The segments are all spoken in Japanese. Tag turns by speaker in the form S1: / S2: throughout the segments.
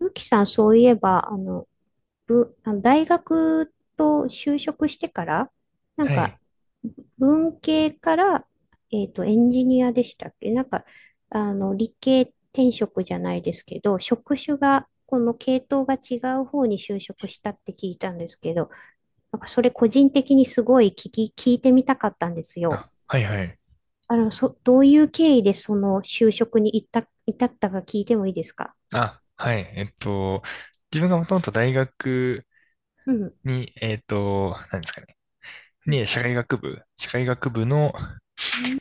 S1: ゆきさん、そういえば、あの、ぶ、あの大学と就職してから、なん
S2: は
S1: か、
S2: い。
S1: 文系から、エンジニアでしたっけ。理系転職じゃないですけど、職種が、この系統が違う方に就職したって聞いたんですけど、それ個人的にすごい聞いてみたかったんですよ。
S2: あ、はいはい。
S1: どういう経緯でその就職に至ったか聞いてもいいですか？
S2: あ、はい。自分がもともと大学
S1: うん。
S2: に、えっと、何ですかね。
S1: うん。
S2: に、社会学部、社会学部の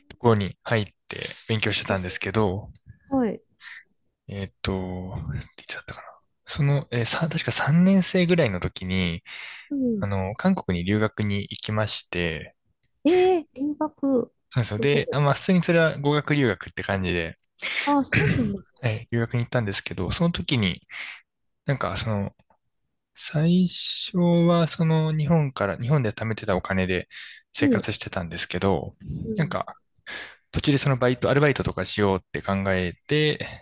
S2: ところに入って勉強してたんですけど、
S1: はい。
S2: えっと、いつだったかな。その、えーさ、確か3年生ぐらいの時に、
S1: うん。
S2: 韓国に留学に行きまして、
S1: ええ、留学、
S2: そうですよ。
S1: すご
S2: で、あ、
S1: い。
S2: まあ、普通にそれは語学留学って感じで、
S1: ああ、そうなんです ね。
S2: はい、留学に行ったんですけど、その時に、なんか、その、最初はその日本から、日本で貯めてたお金で
S1: う
S2: 生
S1: ん。
S2: 活してたんですけど、
S1: う
S2: なん
S1: ん。
S2: か途中でそのバイト、アルバイトとかしようって考え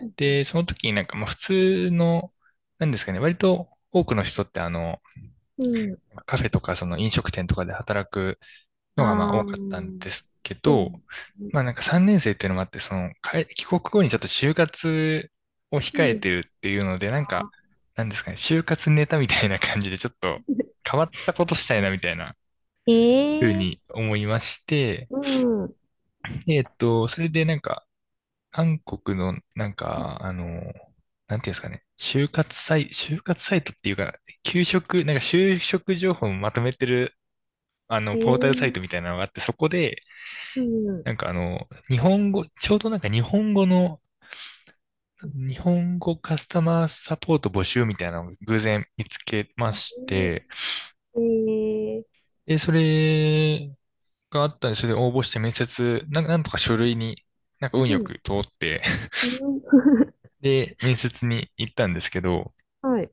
S1: うん。
S2: で、その時になんかまあ普通の、なんですかね、割と多くの人って
S1: うん。うん。
S2: カフェとかその飲食店とかで働くのがまあ
S1: あ
S2: 多かったん
S1: あ、
S2: ですけ
S1: そうなん
S2: ど、
S1: ですね。
S2: まあなんか3年生っていうのもあって、その、帰国後にちょっと就活を
S1: う
S2: 控えて
S1: ん。
S2: るっていうので、な
S1: あ
S2: んか、なんですかね、就活ネタみたいな感じでちょっと
S1: ー。
S2: 変わったことしたいなみたいな風
S1: え
S2: に
S1: え。
S2: 思いまして、
S1: うん。
S2: でそれでなんか、韓国のなんか、なんていうんですかね、就活サイトっていうか、給食、なんか就職情報をまとめてる、ポータルサイトみ
S1: ええ。
S2: たいなのがあって、そこで、
S1: うん。
S2: なんか日本語、ちょうどなんか日本語の、日本語カスタマーサポート募集みたいなのを偶然見つけまして、
S1: ええ。
S2: で、それがあったんで、それで応募して面接、なんとか書類に、なんか運
S1: う
S2: よ
S1: ん。
S2: く通って
S1: うん。
S2: で、面接に行ったんですけど、
S1: はい。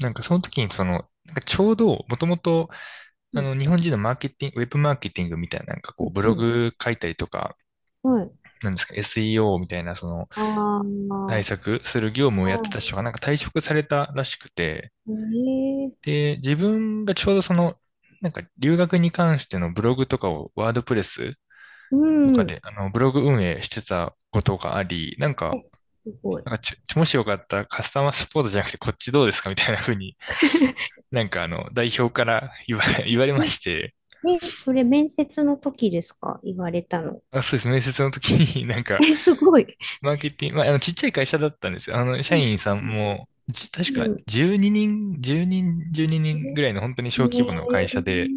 S2: なんかその時にその、なんかちょうど、もともと、
S1: うん。
S2: 日本人のマーケティング、ウェブマーケティングみたいな、なんかこ
S1: う
S2: う、
S1: ん。
S2: ブ
S1: う
S2: ロ
S1: ん。
S2: グ書いたりとか、
S1: はい。
S2: なんですか、SEO みたいな、その、
S1: あ
S2: 対
S1: あ、
S2: 策する業務をやってた
S1: は
S2: 人がなんか退職されたらしくて、
S1: い。ええ。
S2: で、自分がちょうどその、なんか留学に関してのブログとかをワードプレス
S1: う
S2: とか
S1: ん。
S2: で、ブログ運営してたことがあり、なん
S1: え、
S2: か、
S1: すごい。
S2: なんかちょ、もしよかったらカスタマーサポートじゃなくてこっちどうですかみたいな風に、なんか代表から言われま
S1: え、
S2: して、
S1: え、それ面接の時ですか言われたの？
S2: あ、そうです。面接の時になんか、
S1: え、すごい。
S2: マーケティング、まあ、ちっちゃい会社だったんですよ。あの、
S1: う
S2: 社
S1: ん、
S2: 員さん
S1: う
S2: も、
S1: ん、
S2: 確
S1: う
S2: か
S1: ん。
S2: 12人、10人、12人ぐらいの本当に
S1: う
S2: 小
S1: ん。
S2: 規模の会社
S1: ね
S2: で、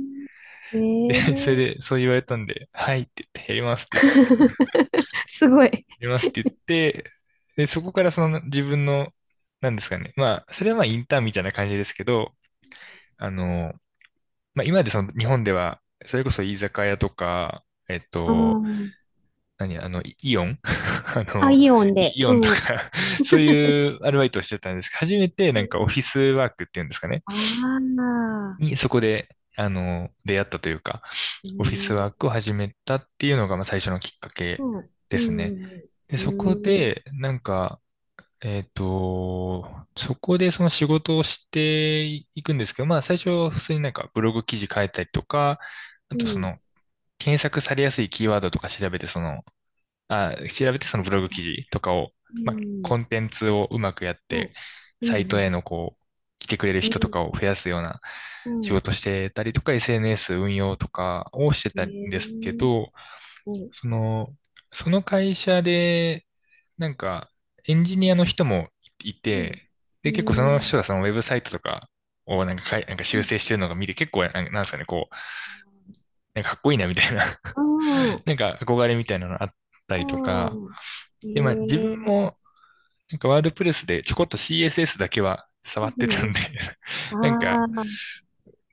S1: え、
S2: で、
S1: ね
S2: それ
S1: え。
S2: でそう言われたんで、はいって言って、やりますって言って、や
S1: すごい。
S2: りますって言って、で、そこからその自分の、なんですかね。まあ、それはまあインターンみたいな感じですけど、あの、まあ今までその日本では、それこそ居酒屋とか、えっ
S1: う
S2: と、
S1: ん。
S2: 何、あの、イイオン あ
S1: あ、
S2: の、
S1: イオン
S2: イ
S1: で。
S2: イオンと
S1: うん。
S2: か そういうアルバイトをしてたんですけど、初めてなんかオフィスワークっていうんですかね。
S1: ああ
S2: に、そこで、出会ったというか、
S1: ー、う
S2: オフィスワー
S1: ん、
S2: クを始めたっていうのが、まあ、最初のきっか
S1: う
S2: け
S1: ん、
S2: で
S1: う
S2: すね。
S1: ん、
S2: で、
S1: う
S2: そこ
S1: ん、
S2: で、なんか、そこでその仕事をしていくんですけど、まあ、最初は普通になんかブログ記事書いたりとか、あ
S1: う
S2: と
S1: ん、
S2: そ
S1: うん、
S2: の、検索されやすいキーワードとか調べて、その、調べてそのブログ記事とかを、
S1: う
S2: まあ、
S1: ん、
S2: コンテンツをうまくやっ
S1: う
S2: て、
S1: ん、う
S2: サイ
S1: ん、う
S2: トへ
S1: ん、
S2: のこう、来てくれる
S1: う
S2: 人と
S1: ん、
S2: かを増やすような
S1: う
S2: 仕
S1: ん、
S2: 事してたりとか、SNS 運用とかをしてたんですけ
S1: え、
S2: ど、
S1: うん、
S2: その、その会社で、なんか、エンジニアの人もい
S1: うん、
S2: て、で、結構そ
S1: う
S2: の
S1: ん、
S2: 人がそのウェブサイトとかをなんかかい、なんか
S1: う
S2: 修
S1: ん、
S2: 正してるのが見て、結構、なんですかね、こう、なんかかっこいいなみたいな
S1: ああ、
S2: なんか憧れみたいなのあった
S1: あ
S2: りとか、
S1: あ、へ
S2: で、まあ自分
S1: え、
S2: もなんかワードプレスでちょこっと CSS だけは触
S1: ん、
S2: ってた
S1: う
S2: んで
S1: ん、
S2: なんか、
S1: ああ、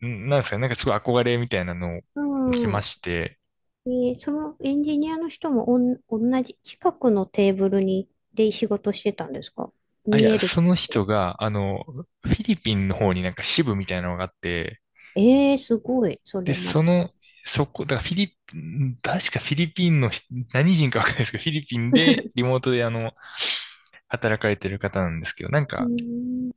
S2: なんですかね、なんかすごい憧れみたいなのを受け
S1: う
S2: ま
S1: ん。
S2: して、
S1: で、そのエンジニアの人も同じ近くのテーブルに、で仕事してたんですか？
S2: あ、い
S1: 見え
S2: や、
S1: るって
S2: その
S1: こと
S2: 人
S1: は。
S2: が、フィリピンの方になんか支部みたいなのがあって、
S1: ええー、すごい、そ
S2: で、
S1: れま
S2: そ
S1: た。
S2: の、そこ、だからフィリピン、確かフィリピンの人、何人かわかんないですけど、フィリピンでリモートで働かれてる方なんですけど、なん
S1: う
S2: か、
S1: ーん。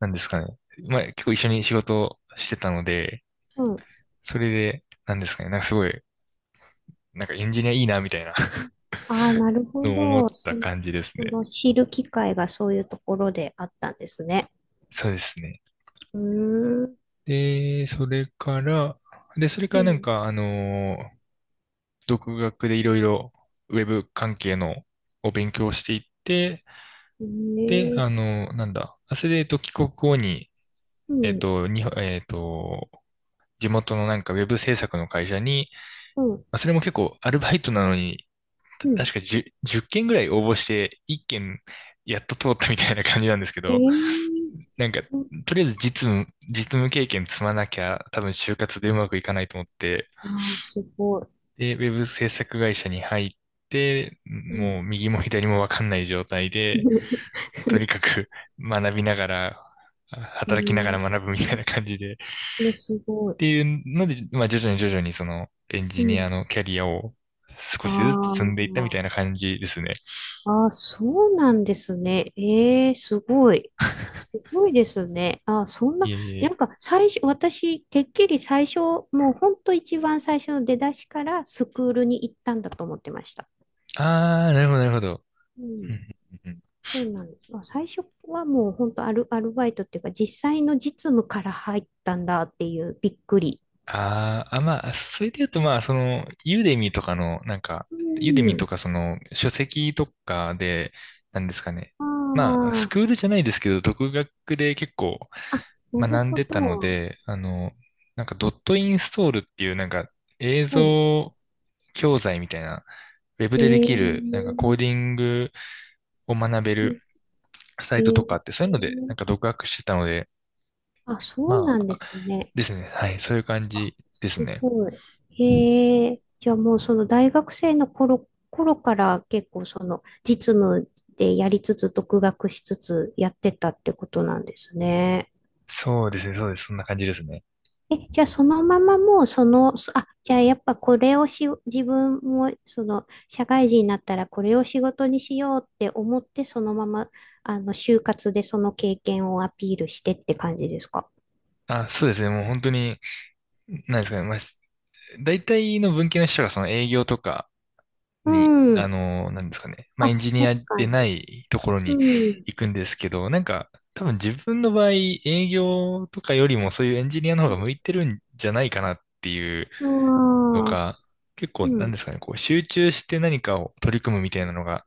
S2: なんですかね、まあ結構一緒に仕事をしてたので、
S1: うん。
S2: それで、なんですかね、なんかすごいエンジニアいいな、みたいな
S1: ああ、なるほ
S2: のを思っ
S1: ど。
S2: た感じです
S1: そ
S2: ね。
S1: の知る機会がそういうところであったんですね。
S2: そうですね。
S1: うーん。
S2: で、それから、で、それか
S1: う
S2: らなん
S1: ん。
S2: か、独学でいろいろウェブ関係のを勉強していって、
S1: ね
S2: で、
S1: え。
S2: あのーなんだ、あそれで、帰国後に、
S1: う
S2: えっ
S1: ん。
S2: と、に、えっと、地元のなんかウェブ制作の会社に、
S1: うん。
S2: まあそれも結構アルバイトなのに、
S1: うん。
S2: 確か1 10件ぐらい応募して1件やっと通ったみたいな感じなんですけ
S1: え
S2: ど、
S1: えー。
S2: なんか、
S1: そう。
S2: とりあえず実務、実務経験積まなきゃ、多分就活でうまくいかないと思って、
S1: ああ、すごい。
S2: で、ウェブ制作会社に入って、
S1: うん。
S2: もう右も左もわかんない状態で、とにかく 学びながら、
S1: ええ
S2: 働きながら
S1: ー。
S2: 学ぶみたいな感じで、っ
S1: ね、すごい。
S2: ていうので、まあ徐々に徐々にそのエン
S1: う
S2: ジニア
S1: ん。
S2: のキャリアを少
S1: あ
S2: しずつ積んでいったみた
S1: ー。
S2: いな感じですね。
S1: あー、そうなんですね。ええ、すごい。す ごいですね。あー、そん
S2: い
S1: な、
S2: えい
S1: なん
S2: え。
S1: か最初、私、てっきり最初、もう本当一番最初の出だしからスクールに行ったんだと思ってました。
S2: あー、なるほど、なるほど。
S1: うん、そうなんです。あ、最初はもう本当アルバイトっていうか、実際の実務から入ったんだっていうびっくり。
S2: まあ、それで言うと、まあ、その、
S1: う
S2: ユーデミと
S1: ん。
S2: か、その、書籍とかで、なんですかね。ま
S1: あ
S2: あ、スクールじゃないですけど、独学で結構
S1: あ、あ、なる
S2: 学ん
S1: ほ
S2: でたの
S1: ど。
S2: で、あの、なんか、ドットインストールっていう、なんか、映
S1: うん。
S2: 像教材みたいな、ウェブでで
S1: えー、
S2: きる、なんか、コーディングを学べるサ
S1: え
S2: イトとかあ
S1: ー
S2: って、そういうので、なんか、独学してたので、
S1: あ、そう
S2: ま
S1: なんで
S2: あ、
S1: すね。
S2: ですね。はい、そういう感じで
S1: す
S2: すね。
S1: ごい。へえ。じゃあもうその大学生の頃から結構その実務でやりつつ独学しつつやってたってことなんですね。
S2: そうですね、そうです。そんな感じですね。
S1: え、じゃあそのままもうじゃあやっぱこれをし、自分もその社会人になったらこれを仕事にしようって思ってそのまま就活でその経験をアピールしてって感じですか？
S2: あ、そうですね。もう本当に、なんですかね。まあ、大体の文系の人がその営業とか
S1: う
S2: に、
S1: ん。
S2: なんですかね。まあ、
S1: あ、
S2: エンジニア
S1: 確か
S2: でな
S1: に。
S2: いところに
S1: うん。
S2: 行くんですけど、なんか、多分自分の場合、営業とかよりもそういうエンジニアの方が向いてるんじゃないかなっていう
S1: あ
S2: の
S1: あ、
S2: か結構、
S1: う
S2: なん
S1: ん、
S2: ですかね、こう、集中して何かを取り組むみたいなのが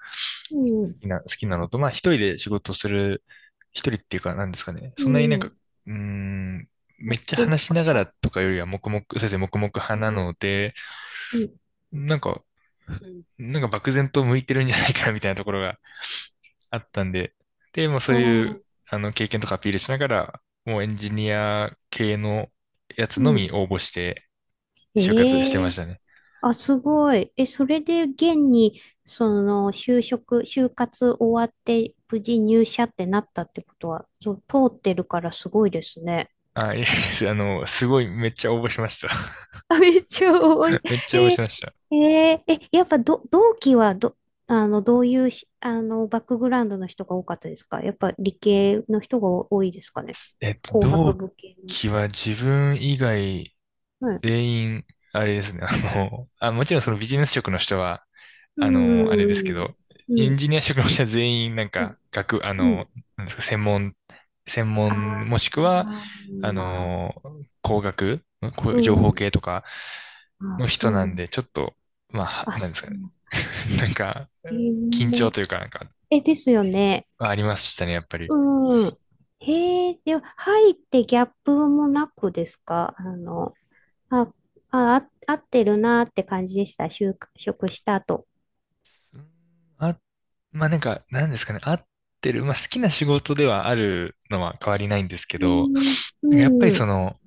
S1: うん、
S2: 好きなのと、まあ、一人で仕事する、一人っていうか、なんですかね、
S1: う
S2: そんなになんか、
S1: ん、
S2: うーん、めっ
S1: 黙
S2: ちゃ
S1: 々
S2: 話しながら
S1: と。
S2: とかよりは黙々、先生黙々派
S1: うん、
S2: なので、
S1: うん、
S2: なんか、なんか漠然と向いてるんじゃないかなみたいなところがあったんで、で、もうそ
S1: あ
S2: ういう、
S1: あ、
S2: あの、経験とかアピールしながら、もうエンジニア系のやつ
S1: う
S2: の
S1: ん。
S2: み応募して就活
S1: え
S2: してま
S1: え。
S2: したね。
S1: あ、すごい。え、それで現に、その、就活終わって、無事入社ってなったってことは、そう、通ってるからすごいですね。
S2: あ、いえ、あの、すごい、めっちゃ応募しました。
S1: あ、めっちゃ多い。
S2: めっ ちゃ応募
S1: え
S2: しました。
S1: え、やっぱど、同期はど、あの、どういうし、あの、バックグラウンドの人が多かったですか？やっぱ理系の人が多いですかね？
S2: えっと、
S1: 工学
S2: 同
S1: 部系の。
S2: 期は自分以外
S1: はい。
S2: 全員、あれですね、あの、あ、もちろんそのビジネス職の人は、
S1: う
S2: あの、あれですけ
S1: ん。
S2: ど、
S1: う
S2: エン
S1: ん。
S2: ジニア職の人は全員、なん
S1: うん。
S2: か、学、あ
S1: う
S2: の、
S1: ん。
S2: なんですか、専門、もしくは、
S1: あ
S2: あ
S1: あ、
S2: の、工学、んこ
S1: う
S2: う情報
S1: ん。
S2: 系とか
S1: あ、
S2: の人
S1: そう
S2: な
S1: な
S2: ん
S1: の。
S2: で、ちょっと、まあ、
S1: あ、
S2: なんで
S1: そ
S2: すか
S1: う
S2: ね。
S1: なの。
S2: なんか、
S1: え
S2: 緊張
S1: ー、
S2: というか、なんか、
S1: え、ですよね。
S2: ありましたね、やっぱり。
S1: うん。へえ、では、入ってギャップもなくですか？あ、あ、合ってるなって感じでした。就職した後。
S2: うんあ、まあ、なんか、なんですかね、合ってる。まあ、好きな仕事ではあるのは変わりないんですけ
S1: う
S2: ど、
S1: ん、う
S2: なんかやっぱ
S1: ん、
S2: り
S1: う
S2: そ
S1: ん、
S2: の、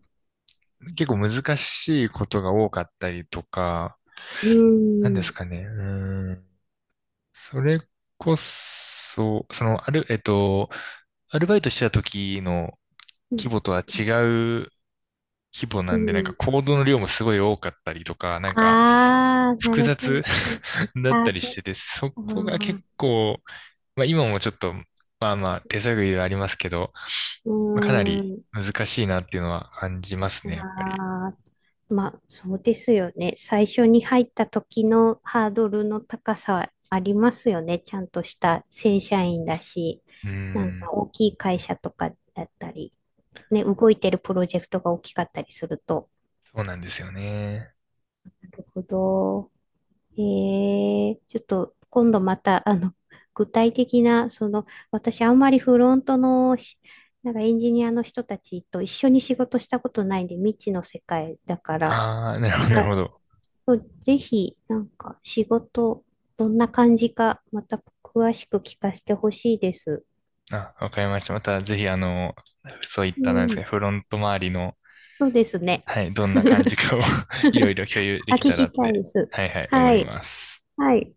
S2: 結構難しいことが多かったりとか、なんですかね、うん、それこそ、その、ある、えっと、アルバイトしてた時の
S1: う
S2: 規
S1: ん。
S2: 模とは違う規模な
S1: う
S2: んで、なんか
S1: ん。
S2: 行動の量もすごい多かったりとか、なんか、
S1: ああ、な
S2: 複
S1: るほ
S2: 雑
S1: ど。
S2: だっ
S1: ああ、
S2: たり
S1: 確か。
S2: してて、そ
S1: あ
S2: こが結
S1: ー。
S2: 構、まあ今もちょっと、まあまあ手探りではありますけど、
S1: う
S2: まあ、かな
S1: ー
S2: り
S1: ん。
S2: 難しいなっていうのは感じますね、やっぱり。
S1: ああ、まあ、そうですよね。最初に入った時のハードルの高さありますよね。ちゃんとした正社員だし、
S2: うー
S1: なんか
S2: ん、
S1: 大きい会社とかだったり、ね、動いてるプロジェクトが大きかったりすると。
S2: そうなんですよね。
S1: るほど。ええ、ちょっと今度また、具体的な、私あんまりフロントのし、なんかエンジニアの人たちと一緒に仕事したことないんで、未知の世界だから、
S2: ああ、なるほど、なる
S1: あ、
S2: ほど。
S1: そう、ぜひ、なんか仕事、どんな感じか、また詳しく聞かせてほしいです。
S2: あ、わかりました。またぜひあの、そういっ
S1: う
S2: たなんですか、
S1: ん、
S2: フロント周りの、
S1: そうですね。
S2: はい、どんな感じ かを いろいろ共有で
S1: あ、
S2: き
S1: 聞
S2: たら
S1: き
S2: っ
S1: たい
S2: て、
S1: です。
S2: はいはい、思
S1: は
S2: い
S1: い。
S2: ます。
S1: はい。